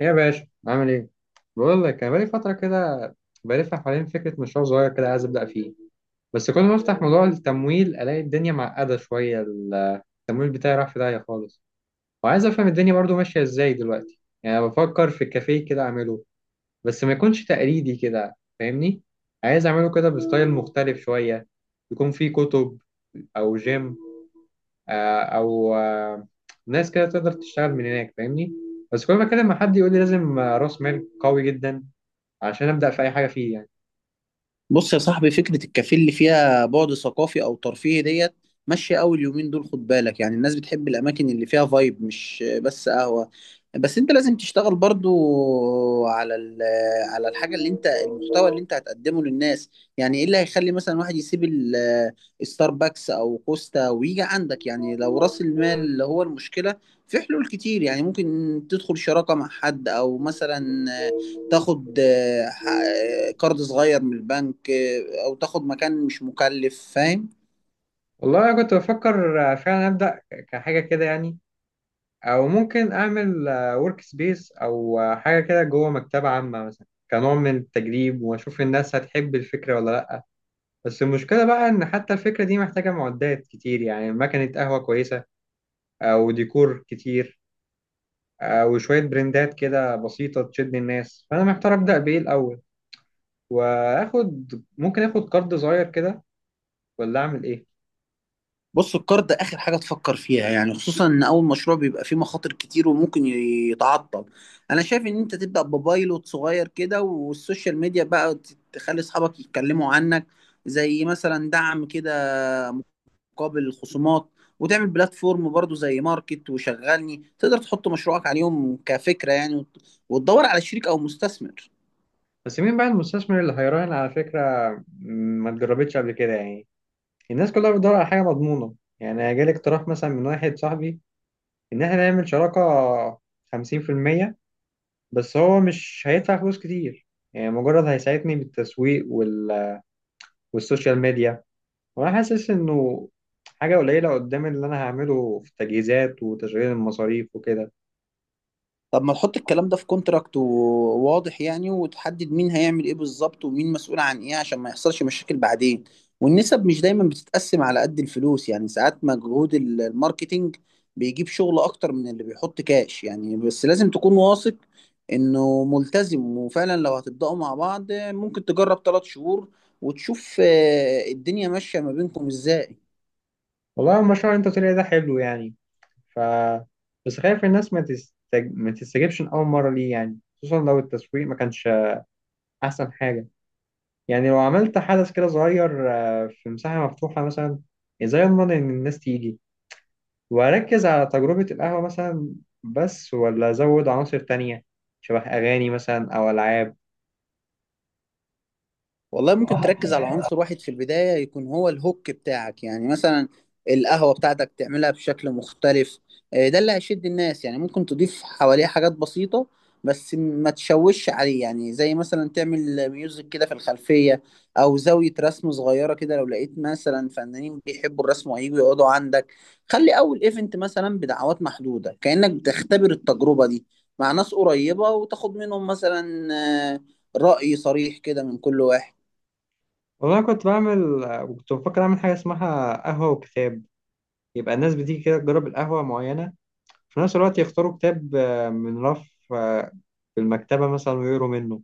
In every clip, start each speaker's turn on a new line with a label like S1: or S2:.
S1: ايه يا باشا عامل ايه؟ بقول لك انا بقالي فترة كده بلف حوالين فكرة مشروع صغير كده عايز ابدأ فيه. بس كل ما افتح موضوع التمويل الاقي الدنيا معقدة شوية، التمويل بتاعي راح في داهية خالص. وعايز افهم الدنيا برضو ماشية ازاي دلوقتي، يعني أنا بفكر في كافيه كده اعمله، بس ما يكونش تقليدي كده، فاهمني؟ عايز اعمله كده بستايل مختلف شوية، يكون فيه كتب او جيم، آه، او آه، ناس كده تقدر تشتغل من هناك، فاهمني. بس كل ما اتكلم مع حد يقول لي لازم راس مال قوي جدا عشان ابدا في اي حاجه فيه يعني.
S2: بص يا صاحبي، فكرة الكافيه اللي فيها بعد ثقافي أو ترفيهي ديت ماشية أوي اليومين دول. خد بالك، يعني الناس بتحب الأماكن اللي فيها فايب مش بس قهوة. بس أنت لازم تشتغل برضو على ال- على الحاجة اللي أنت المحتوى اللي أنت هتقدمه للناس. يعني إيه اللي هيخلي مثلا واحد يسيب الستاربكس أو كوستا ويجي عندك؟ يعني لو رأس المال اللي هو المشكلة، في حلول كتير يعني. ممكن تدخل شراكة مع حد، أو مثلا تاخد قرض صغير من البنك، او تاخد مكان مش مكلف، فاهم؟
S1: والله انا كنت بفكر فعلا ابدا كحاجه كده يعني، او ممكن اعمل ورك سبيس او حاجه كده جوه مكتبه عامه مثلا، كنوع من التجريب واشوف الناس هتحب الفكره ولا لا. بس المشكله بقى ان حتى الفكره دي محتاجه معدات كتير، يعني مكنه قهوه كويسه او ديكور كتير وشوية برندات كده بسيطة تشد الناس، فأنا محتار أبدأ بإيه الأول، وآخد، ممكن آخد قرض صغير كده ولا أعمل إيه.
S2: بص، القرض ده اخر حاجه تفكر فيها، يعني خصوصا ان اول مشروع بيبقى فيه مخاطر كتير وممكن يتعطل. انا شايف ان انت تبدا ببايلوت صغير كده، والسوشيال ميديا بقى تخلي اصحابك يتكلموا عنك، زي مثلا دعم كده مقابل الخصومات. وتعمل بلاتفورم برضو زي ماركت وشغلني، تقدر تحط مشروعك عليهم كفكره يعني، وتدور على شريك او مستثمر.
S1: بس مين بقى المستثمر اللي هيراهن على فكرة م، ما اتجربتش قبل كده يعني، الناس كلها بتدور على حاجة مضمونة. يعني جالي اقتراح مثلا من واحد صاحبي، إن إحنا نعمل شراكة 50%، بس هو مش هيدفع فلوس كتير، يعني مجرد هيساعدني بالتسويق والسوشيال ميديا، وانا حاسس انه حاجه قليله قدام اللي انا هعمله في التجهيزات وتشغيل المصاريف وكده.
S2: طب ما تحط الكلام ده في كونتراكت وواضح يعني، وتحدد مين هيعمل ايه بالظبط ومين مسؤول عن ايه عشان ما يحصلش مشاكل بعدين. والنسب مش دايما بتتقسم على قد الفلوس، يعني ساعات مجهود الماركتينج بيجيب شغل اكتر من اللي بيحط كاش يعني. بس لازم تكون واثق انه ملتزم، وفعلا لو هتبدأوا مع بعض ممكن تجرب 3 شهور وتشوف الدنيا ماشية ما بينكم ازاي.
S1: والله المشروع اللي انت قلت لي ده حلو يعني، ف بس خايف الناس ما تستجبش من اول مره، ليه يعني؟ خصوصا لو التسويق ما كانش احسن حاجه. يعني لو عملت حدث كده صغير في مساحه مفتوحه مثلا، ازاي اضمن ان الناس تيجي؟ واركز على تجربه القهوه مثلا بس، ولا ازود عناصر تانية شبه اغاني مثلا او العاب؟
S2: والله ممكن تركز على عنصر واحد في البداية، يكون هو الهوك بتاعك يعني. مثلا القهوة بتاعتك تعملها بشكل مختلف، ده اللي هيشد الناس يعني. ممكن تضيف حواليه حاجات بسيطة بس ما تشوش عليه، يعني زي مثلا تعمل ميوزك كده في الخلفية، أو زاوية رسم صغيرة كده لو لقيت مثلا فنانين بيحبوا الرسم وهيجوا يقعدوا عندك. خلي أول إيفنت مثلا بدعوات محدودة كأنك بتختبر التجربة دي مع ناس قريبة، وتاخد منهم مثلا آه، رأي صريح كده من كل واحد.
S1: والله كنت بعمل، كنت بفكر أعمل حاجة اسمها قهوة وكتاب، يبقى الناس بتيجي كده تجرب القهوة معينة، في نفس الوقت يختاروا كتاب من رف آه، في المكتبة مثلا ويقروا منه.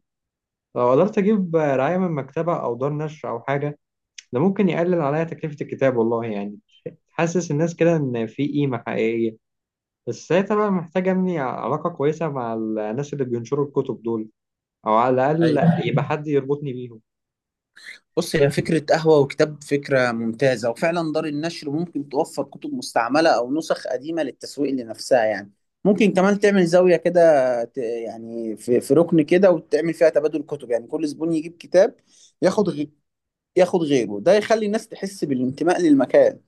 S1: لو قدرت أجيب رعاية من مكتبة أو دار نشر أو حاجة، ده ممكن يقلل عليا تكلفة الكتاب والله يعني، تحسس الناس كده إن في قيمة حقيقية. بس ساعتها بقى محتاج أبني علاقة كويسة مع الناس اللي بينشروا الكتب دول، أو على
S2: ايوه.
S1: الأقل يبقى حد يربطني بيهم.
S2: بص، هي فكرة قهوة وكتاب فكرة ممتازة، وفعلا دار النشر ممكن توفر كتب مستعملة أو نسخ قديمة للتسويق لنفسها يعني. ممكن كمان تعمل زاوية كده، يعني في ركن كده، وتعمل فيها تبادل كتب، يعني كل زبون يجيب كتاب ياخد غي... ياخد غيره، ده يخلي الناس تحس بالانتماء للمكان.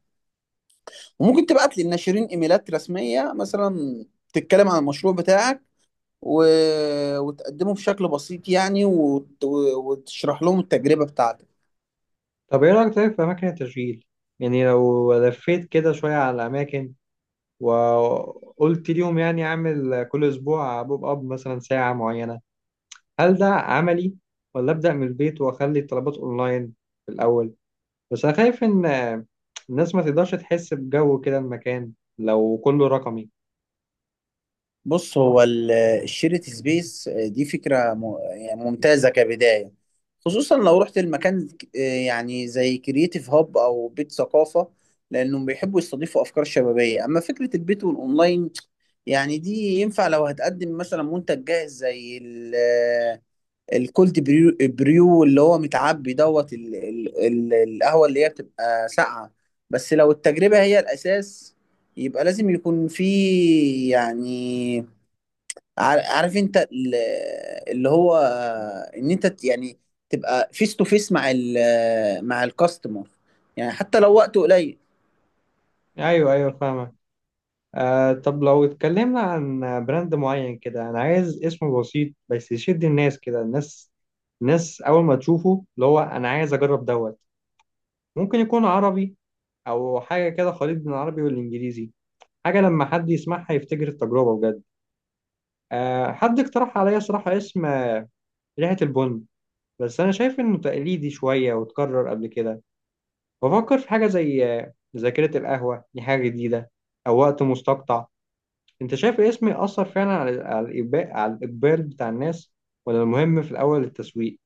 S2: وممكن تبعت للناشرين إيميلات رسمية مثلا، تتكلم عن المشروع بتاعك و... وتقدمه بشكل بسيط يعني، وتشرح لهم التجربة بتاعتك.
S1: طب ايه رأيك طيب في أماكن التشغيل؟ يعني لو لفيت كده شوية على الأماكن وقلت ليهم يعني أعمل كل أسبوع بوب أب مثلا ساعة معينة، هل ده عملي؟ ولا أبدأ من البيت وأخلي الطلبات أونلاين في الأول؟ بس أنا خايف إن الناس ما تقدرش تحس بجو كده المكان لو كله رقمي.
S2: بص، هو الشيرت سبيس دي فكرة يعني ممتازة كبداية. خصوصا لو رحت المكان يعني زي كرييتيف هاب أو بيت ثقافة، لأنهم بيحبوا يستضيفوا أفكار شبابية. أما فكرة البيت والأونلاين، يعني دي ينفع لو هتقدم مثلا منتج جاهز زي الكولد بريو اللي هو متعبي دوت القهوة اللي هي بتبقى ساقعة. بس لو التجربة هي الأساس يبقى لازم يكون في، يعني عارف انت اللي هو ان انت يعني تبقى فيس تو فيس مع الكاستمر، يعني حتى لو وقته قليل.
S1: أيوه أيوه، فاهمك. آه، طب لو اتكلمنا عن براند معين كده، انا عايز اسم بسيط بس يشد الناس كده، الناس اول ما تشوفه اللي هو انا عايز اجرب دوت. ممكن يكون عربي او حاجه كده خليط بين العربي والانجليزي، حاجه لما حد يسمعها يفتكر التجربه بجد. آه، حد اقترح عليا صراحه اسم ريحه البن، بس انا شايف انه تقليدي شويه واتكرر قبل كده. بفكر في حاجه زي ذاكره القهوه، دي حاجه جديده، او وقت مستقطع. انت شايف اسمي اثر فعلا على الاقبال بتاع الناس؟ ولا المهم في الاول التسويق؟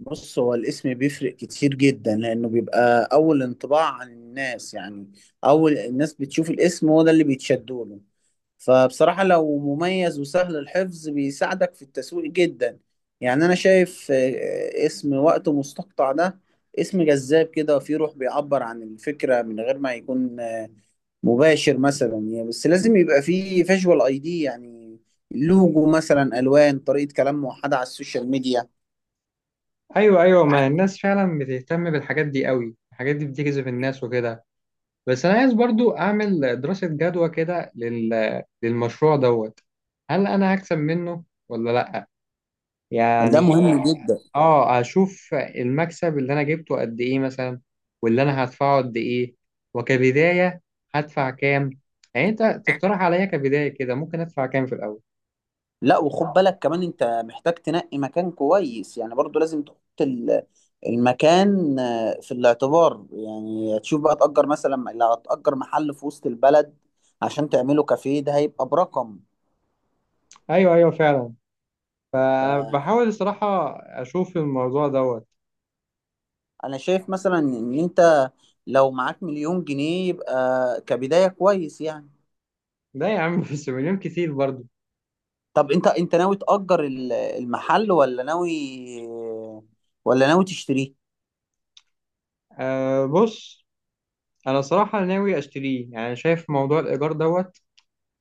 S2: بص، هو الاسم بيفرق كتير جدا، لانه بيبقى اول انطباع عن الناس يعني. اول الناس بتشوف الاسم هو ده اللي بيتشدوا له. فبصراحة لو مميز وسهل الحفظ بيساعدك في التسويق جدا، يعني انا شايف اسم وقته مستقطع ده اسم جذاب كده وفيه روح بيعبر عن الفكرة من غير ما يكون مباشر مثلا يعني. بس لازم يبقى فيه فيجوال اي دي يعني، لوجو مثلا، الوان، طريقه كلام موحده على السوشيال ميديا.
S1: ايوه ايوه، ما الناس فعلا بتهتم بالحاجات دي قوي، الحاجات دي بتجذب الناس وكده. بس انا عايز برضو اعمل دراسة جدوى كده للمشروع دوت، هل انا هكسب منه ولا لا
S2: ده
S1: يعني؟
S2: مهم جدا.
S1: اه اشوف المكسب اللي انا جبته قد ايه مثلا، واللي انا هدفعه قد ايه، وكبداية هدفع كام؟ يعني انت تقترح عليا كبداية كده ممكن ادفع كام في الاول؟
S2: لا، وخد بالك كمان انت محتاج تنقي مكان كويس يعني، برضو لازم تحط المكان في الاعتبار يعني. تشوف بقى تأجر مثلا، لو هتأجر محل في وسط البلد عشان تعمله كافيه ده هيبقى برقم.
S1: ايوه ايوه فعلا، فبحاول الصراحه اشوف الموضوع دوت.
S2: انا شايف مثلا ان انت لو معاك مليون جنيه يبقى كبداية كويس يعني.
S1: لا يا عم بس مليون كتير برضو.
S2: طب انت ناوي تأجر المحل ولا ناوي، ولا ناوي تشتريه؟
S1: أه بص، انا صراحه ناوي اشتريه، يعني شايف موضوع الايجار دوت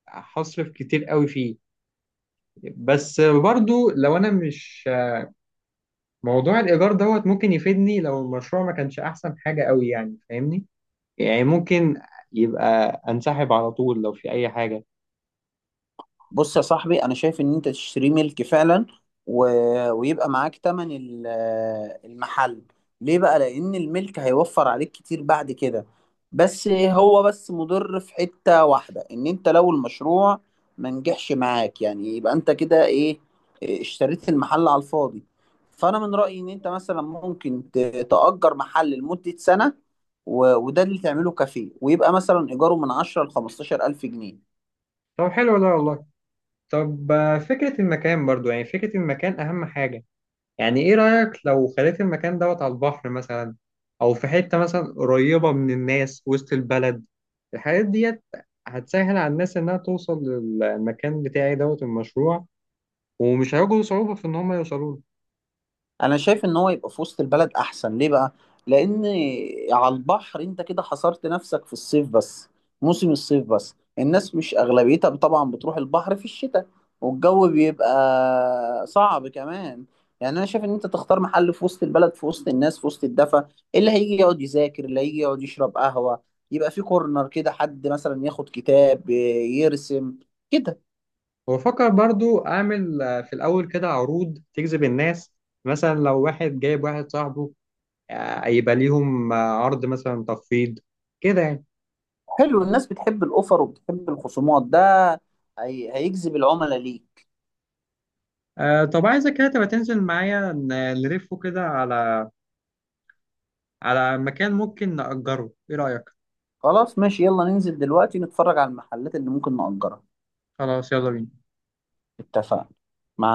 S1: هصرف كتير قوي فيه. بس برضو لو انا مش، موضوع الايجار دوت ممكن يفيدني لو المشروع ما كانش احسن حاجه قوي يعني فاهمني، يعني ممكن يبقى انسحب على طول لو في اي حاجه.
S2: بص يا صاحبي، انا شايف ان انت تشتري ملك فعلا، و... ويبقى معاك تمن المحل. ليه بقى؟ لان الملك هيوفر عليك كتير بعد كده. بس هو بس مضر في حتة واحدة، ان انت لو المشروع ما نجحش معاك، يعني يبقى انت كده ايه، اشتريت المحل على الفاضي. فانا من رأيي ان انت مثلا ممكن تأجر محل لمدة سنة، وده اللي تعمله كافيه، ويبقى مثلا ايجاره من 10 ل 15 الف جنيه.
S1: طب حلو ده والله. طب فكره المكان برضو، يعني فكره المكان اهم حاجه. يعني ايه رأيك لو خليت المكان دوت على البحر مثلا، او في حتة مثلا قريبة من الناس وسط البلد؟ الحاجات ديت هتسهل على الناس انها توصل للمكان بتاعي دوت المشروع، ومش هيواجهوا صعوبة في ان هم يوصلوا له.
S2: انا شايف ان هو يبقى في وسط البلد احسن. ليه بقى؟ لان على البحر انت كده حصرت نفسك في الصيف بس، موسم الصيف بس. الناس مش اغلبيتها طبعا بتروح البحر في الشتاء، والجو بيبقى صعب كمان. يعني انا شايف ان انت تختار محل في وسط البلد، في وسط الناس، في وسط الدفا. اللي هيجي يقعد يذاكر، اللي هيجي يقعد يشرب قهوة، يبقى في كورنر كده حد مثلا ياخد كتاب يرسم كده.
S1: وفكر برضو اعمل في الاول كده عروض تجذب الناس، مثلا لو واحد جايب واحد صاحبه يبقى ليهم عرض مثلا تخفيض كده يعني.
S2: حلو، الناس بتحب الاوفر وبتحب الخصومات، ده هيجذب العملاء ليك.
S1: طب عايزك كده تبقى تنزل معايا نلفه كده على مكان ممكن نأجره، ايه رأيك؟
S2: خلاص ماشي، يلا ننزل دلوقتي نتفرج على المحلات اللي ممكن نأجرها.
S1: خلاص يلا بينا.
S2: اتفقنا مع